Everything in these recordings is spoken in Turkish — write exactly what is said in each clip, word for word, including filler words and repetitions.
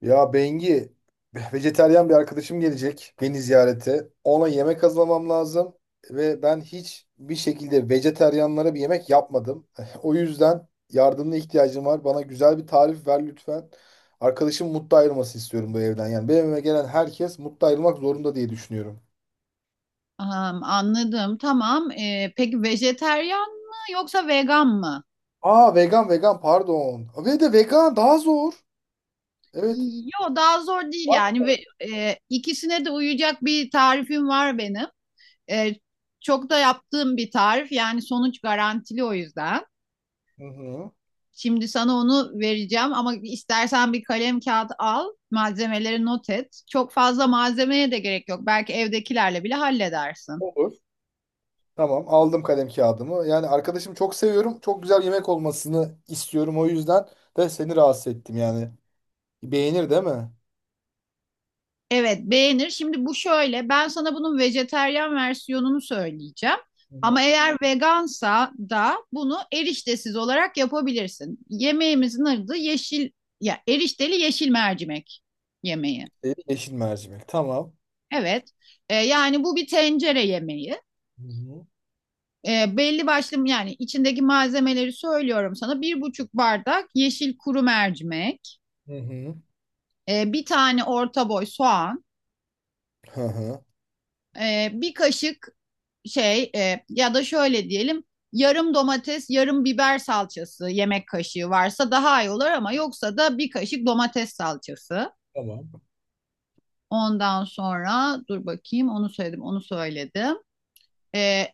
Ya Bengi, vejeteryan bir arkadaşım gelecek beni ziyarete. Ona yemek hazırlamam lazım ve ben hiç bir şekilde vejeteryanlara bir yemek yapmadım. O yüzden yardımına ihtiyacım var. Bana güzel bir tarif ver lütfen. Arkadaşım mutlu ayrılması istiyorum bu evden. Yani benim evime gelen herkes mutlu ayrılmak zorunda diye düşünüyorum. Am, anladım. Tamam. Ee, peki vejeteryan mı yoksa vegan mı? Aa, vegan vegan pardon. Ve de vegan daha zor. Evet. Yo daha zor değil Var. yani ve e, ikisine de uyacak bir tarifim var benim. E, Çok da yaptığım bir tarif yani sonuç garantili o yüzden. Hı hı. Şimdi sana onu vereceğim ama istersen bir kalem kağıt al, malzemeleri not et. Çok fazla malzemeye de gerek yok. Belki evdekilerle bile halledersin. Olur. Tamam, aldım kalem kağıdımı. Yani arkadaşımı çok seviyorum. Çok güzel yemek olmasını istiyorum, o yüzden de seni rahatsız ettim yani. Beğenir değil mi? Evet, beğenir. Şimdi bu şöyle, ben sana bunun vejeteryan versiyonunu söyleyeceğim. Hı hı. Ama eğer vegansa da bunu eriştesiz olarak yapabilirsin. Yemeğimizin adı yeşil ya erişteli yeşil mercimek yemeği. Ee, Yeşil mercimek. Tamam. Evet. Ee, yani bu bir tencere yemeği. Hı hı. Ee, belli başlı yani içindeki malzemeleri söylüyorum sana. Bir buçuk bardak yeşil kuru mercimek, Hı hı. e, bir tane orta boy soğan, Hı hı. e, bir kaşık şey e, ya da şöyle diyelim, yarım domates yarım biber salçası yemek kaşığı varsa daha iyi olur, ama yoksa da bir kaşık domates salçası. Tamam. Ondan sonra dur bakayım, onu söyledim, onu söyledim. E,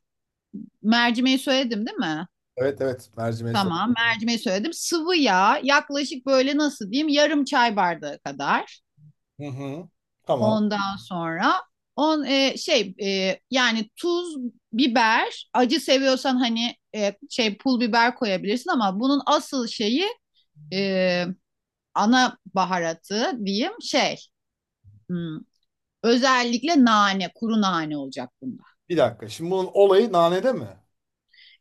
Mercimeği söyledim değil mi? Evet evet, mercimeği söyle. Tamam, mercimeği söyledim. Sıvı yağ yaklaşık böyle nasıl diyeyim yarım çay bardağı kadar. Hı hı. Tamam. Tamam. Ondan sonra on e, şey e, yani tuz, biber, acı seviyorsan hani e, şey pul biber koyabilirsin ama bunun asıl şeyi e, ana baharatı diyeyim şey hmm, özellikle nane, kuru nane olacak bunda. Bir dakika. Şimdi bunun olayı nanede mi?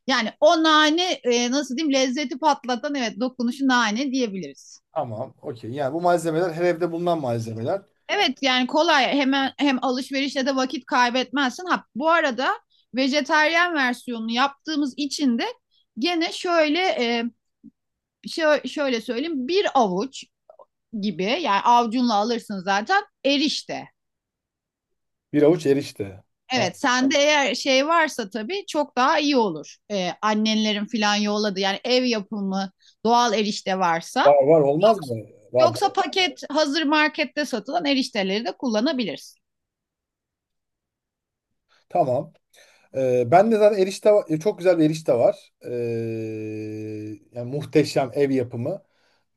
Yani o nane, e, nasıl diyeyim, lezzeti patlatan, evet, dokunuşu nane diyebiliriz. Tamam. Okey. Yani bu malzemeler her evde bulunan malzemeler. Evet, yani kolay, hemen hem alışverişle de vakit kaybetmezsin. Ha, bu arada vejetaryen versiyonunu yaptığımız için de gene şöyle e, şö- şöyle söyleyeyim, bir avuç gibi, yani avcunla alırsın zaten erişte. Bir avuç erişte. Ha. Evet, sende eğer şey varsa tabii çok daha iyi olur. E, annenlerin filan yolladı yani, ev yapımı doğal erişte varsa. Var var, olmaz Yoksa, mı? Var. yoksa paket hazır markette satılan erişteleri de kullanabilirsin. Tamam. Ee, ben de zaten erişte va- çok güzel bir erişte var. Ee, yani muhteşem ev yapımı.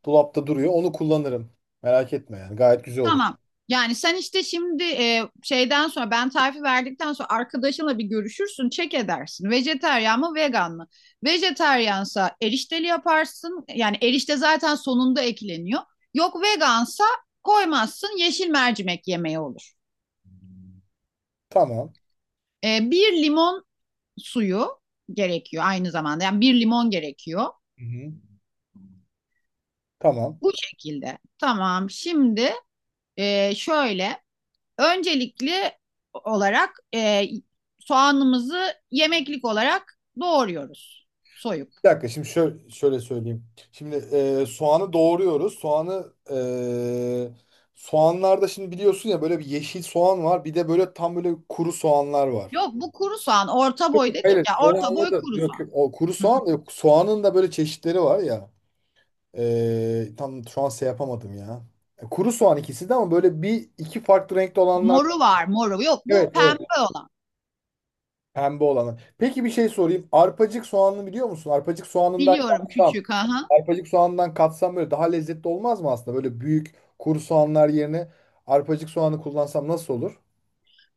Dolapta duruyor. Onu kullanırım. Merak etme yani. Gayet güzel olur. Tamam. Yani sen işte şimdi e, şeyden sonra, ben tarifi verdikten sonra arkadaşınla bir görüşürsün, çek edersin. Vejeteryan mı, vegan mı? Vejeteryansa erişteli yaparsın. Yani erişte zaten sonunda ekleniyor. Yok, vegansa koymazsın, yeşil mercimek yemeği olur. Tamam. E, bir limon suyu gerekiyor aynı zamanda. Yani bir limon gerekiyor. Hı-hı. Tamam. Bu şekilde. Tamam. Şimdi e, şöyle öncelikli olarak e, soğanımızı yemeklik olarak doğruyoruz. Soyup. Bir dakika, şimdi şöyle, şöyle söyleyeyim. Şimdi e, soğanı doğruyoruz. Soğanı e, soğanlarda şimdi biliyorsun ya, böyle bir yeşil soğan var. Bir de böyle tam böyle kuru soğanlar var. Yok, bu kuru soğan. Orta boy dedik Hayır, ya. onu Orta boy anladım. kuru Yok, soğan. yok. O kuru Hı hı. soğan da yok. Soğanın da böyle çeşitleri var ya. Ee, tam şu an şey yapamadım ya. E, Kuru soğan ikisi de, ama böyle bir iki farklı renkte olanlar. Moru var, moru. Yok, bu Evet, evet. pembe olan. Pembe olanı. Peki bir şey sorayım. Arpacık soğanını biliyor musun? Arpacık soğanından Biliyorum, yapsam, küçük. Aha. arpacık soğanından katsam böyle daha lezzetli olmaz mı aslında? Böyle büyük kuru soğanlar yerine arpacık soğanı kullansam nasıl olur?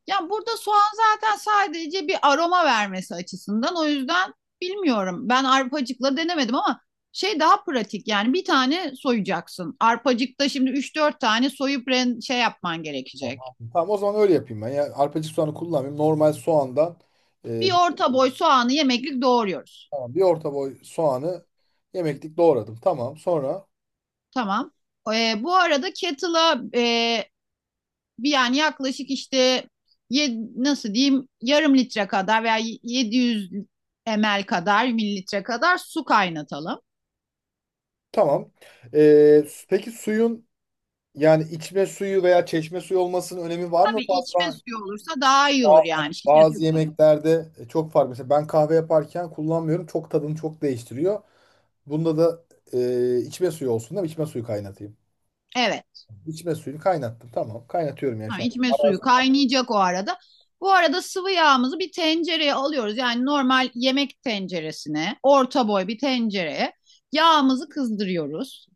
Ya burada soğan zaten sadece bir aroma vermesi açısından. O yüzden bilmiyorum, ben arpacıkla denemedim ama şey, daha pratik yani, bir tane soyacaksın. Arpacıkta şimdi üç dört tane soyup ren- şey yapman gerekecek. Tamam. Tamam, o zaman öyle yapayım ben. Yani arpacık soğanı kullanmayayım. Normal soğandan Bir e, bir, orta boy soğanı yemeklik doğruyoruz. tamam, bir orta boy soğanı yemeklik doğradım. Tamam, sonra Tamam. Ee, bu arada kettle'a e, bir yani yaklaşık işte ye- nasıl diyeyim yarım litre kadar veya yedi yüz mililitre kadar mililitre kadar su kaynatalım. tamam. E, peki suyun, yani içme suyu veya çeşme suyu olmasının önemi var mı Tabii içme fazla? suyu olursa daha iyi olur, Ba- hani yani şişe bazı suyu. yemeklerde e, çok fark. Mesela ben kahve yaparken kullanmıyorum. Çok tadını çok değiştiriyor. Bunda da e, içme suyu olsun değil mi? İçme suyu kaynatayım. Evet. İçme suyunu kaynattım. Tamam. Kaynatıyorum yani Ha, şu an. içme suyu Arazi- kaynayacak o arada. Bu arada sıvı yağımızı bir tencereye alıyoruz. Yani normal yemek tenceresine, orta boy bir tencereye yağımızı kızdırıyoruz.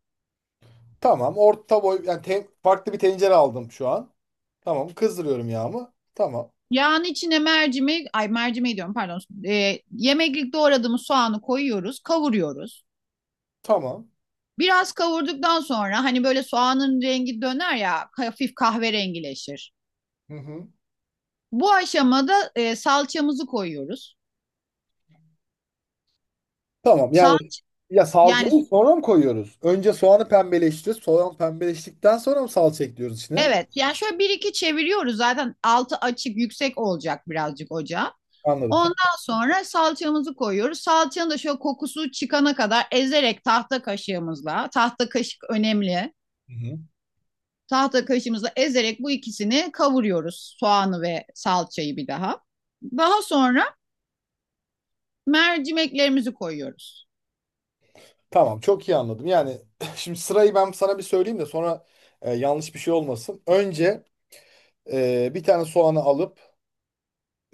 Tamam. Orta boy yani te- farklı bir tencere aldım şu an. Tamam. Kızdırıyorum yağımı. Tamam. Yağın içine mercimek, ay mercimeği diyorum, pardon. Ee, yemeklik doğradığımız soğanı koyuyoruz, kavuruyoruz. Tamam. Biraz kavurduktan sonra hani böyle soğanın rengi döner ya, hafif kahverengileşir. Hı hı. Bu aşamada e, salçamızı koyuyoruz. Tamam. Sal Yani ya Yani salçayı sonra mı koyuyoruz? Önce soğanı pembeleştiriyoruz. Soğan pembeleştikten sonra mı salça ekliyoruz içine? evet, yani şöyle bir iki çeviriyoruz, zaten altı açık yüksek olacak birazcık ocağa. Anladım. Tamam. Ondan sonra salçamızı koyuyoruz. Salçanın da şöyle kokusu çıkana kadar ezerek tahta kaşığımızla, tahta kaşık önemli. Hı hı. Tahta kaşımızla ezerek bu ikisini kavuruyoruz. Soğanı ve salçayı bir daha. Daha sonra mercimeklerimizi koyuyoruz. Tamam, çok iyi anladım. Yani şimdi sırayı ben sana bir söyleyeyim de sonra e, yanlış bir şey olmasın. Önce e, bir tane soğanı alıp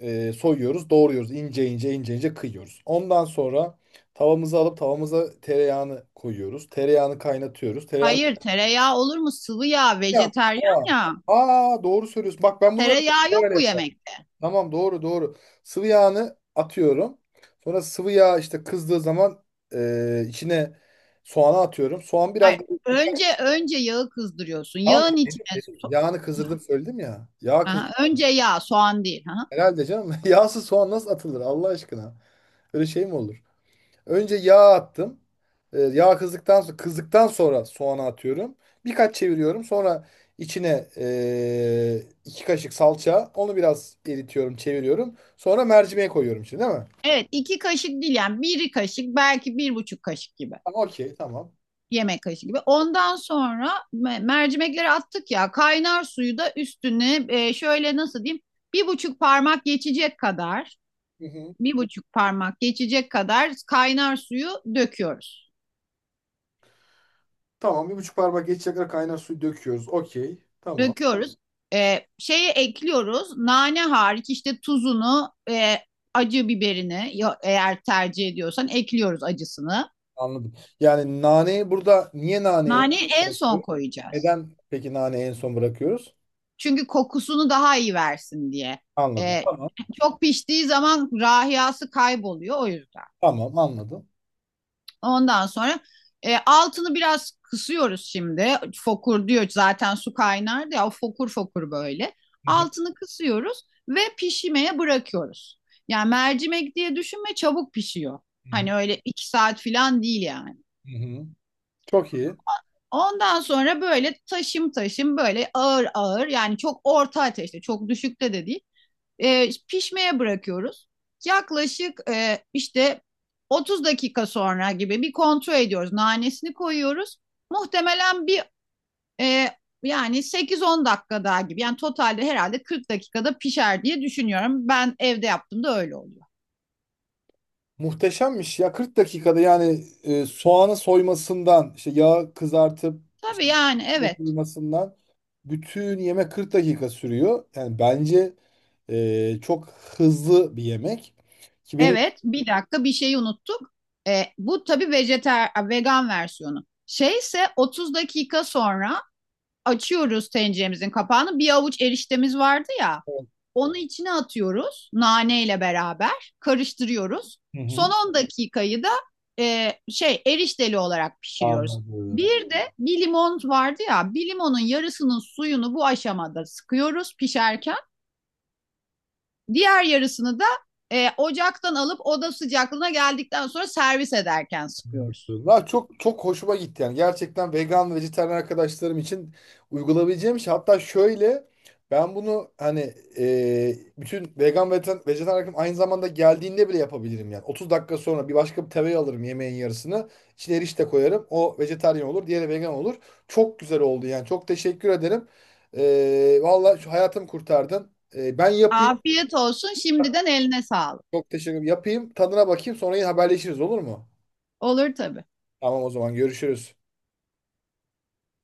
e, soyuyoruz, doğruyoruz. İnce ince ince ince kıyıyoruz. Ondan sonra tavamızı alıp tavamıza tereyağını koyuyoruz. Tereyağını kaynatıyoruz. Tereyağını... Hayır, tereyağı olur mu? Sıvı yağ, Ya, vejeteryan aa, ya. aa, doğru söylüyorsun. Bak ben bunları Tereyağı yok böyle bu yaparım. yemekte. Tamam, doğru doğru. Sıvı yağını atıyorum. Sonra sıvı yağ işte kızdığı zaman e, içine soğanı atıyorum. Soğan biraz Hayır. böyle Önce dikkat- önce yağı kızdırıyorsun. tamam mı? Yağın içine so- Yağını kızdırdım söyledim ya. Yağ aha, kızdım. önce yağ, soğan değil. Aha. Herhalde canım. Yağsız soğan nasıl atılır Allah aşkına? Öyle şey mi olur? Önce yağ attım. E, yağ kızdıktan sonra kızdıktan sonra soğanı atıyorum. Birkaç çeviriyorum. Sonra içine e, iki kaşık salça. Onu biraz eritiyorum, çeviriyorum. Sonra mercimeğe koyuyorum içine, değil mi? Evet, iki kaşık değil yani, bir kaşık belki, bir buçuk kaşık gibi. Tamam, okey tamam. Yemek kaşığı gibi. Ondan sonra mercimekleri attık ya, kaynar suyu da üstüne e, şöyle nasıl diyeyim, bir buçuk parmak geçecek kadar, Hı hı. bir buçuk parmak geçecek kadar kaynar suyu döküyoruz. Tamam, bir buçuk parmak geçecek kadar kaynar suyu döküyoruz. Okey, tamam. Döküyoruz. E, şeyi ekliyoruz, nane hariç işte, tuzunu, e, acı biberini eğer tercih ediyorsan ekliyoruz, acısını. Anladım. Yani naneyi burada niye naneyi en Naneyi son en son bırakıyoruz? koyacağız. Neden peki naneyi en son bırakıyoruz? Çünkü kokusunu daha iyi versin diye. Anladım. Ee, Tamam. Çok piştiği zaman rahiyası kayboluyor o yüzden. Tamam, anladım. Ondan sonra e, altını biraz kısıyoruz şimdi. Fokur diyor zaten, su kaynardı ya, o fokur fokur böyle. Hı hı. Altını kısıyoruz ve pişmeye bırakıyoruz. Yani mercimek diye düşünme, çabuk pişiyor. Hı hı. Hani öyle iki saat falan değil yani. Hı hı. Çok iyi. Ondan sonra böyle taşım taşım, böyle ağır ağır, yani çok orta ateşte, çok düşükte de değil, E, pişmeye bırakıyoruz. Yaklaşık e, işte otuz dakika sonra gibi bir kontrol ediyoruz. Nanesini koyuyoruz. Muhtemelen bir e, yani sekiz on dakika daha gibi. Yani totalde herhalde kırk dakikada pişer diye düşünüyorum. Ben evde yaptığımda öyle oluyor. Muhteşemmiş ya, kırk dakikada yani e, soğanı soymasından, işte yağı kızartıp Tabii, işte yani et evet. soymasından bütün yemek kırk dakika sürüyor. Yani bence e, çok hızlı bir yemek, ki benim. Evet, bir dakika, bir şeyi unuttuk. E, bu tabii vejeter, vegan versiyonu. Şeyse otuz dakika sonra açıyoruz tenceremizin kapağını. Bir avuç eriştemiz vardı ya. Onu içine atıyoruz, naneyle beraber karıştırıyoruz. Hı Son hı. on dakikayı da e, şey erişteli olarak pişiriyoruz. Anladım. Bir de bir limon vardı ya, bir limonun yarısının suyunu bu aşamada sıkıyoruz, pişerken. Diğer yarısını da e, ocaktan alıp oda sıcaklığına geldikten sonra servis ederken sıkıyoruz. Ya çok çok hoşuma gitti yani. Gerçekten vegan ve vejetaryen arkadaşlarım için uygulayabileceğim şey. Hatta şöyle, ben bunu hani e, bütün vegan ve vejetaryen vejetaryen arkadaşlarım aynı zamanda geldiğinde bile yapabilirim yani. otuz dakika sonra bir başka bir tereyağı alırım yemeğin yarısını. İçine erişte koyarım. O vejetaryen olur, diğeri vegan olur. Çok güzel oldu yani. Çok teşekkür ederim. E, vallahi şu hayatımı kurtardın. E, ben yapayım. Afiyet olsun şimdiden, eline sağlık. Çok teşekkür ederim. Yapayım. Tadına bakayım. Sonra yine haberleşiriz, olur mu? Olur, tabii. Tamam, o zaman görüşürüz.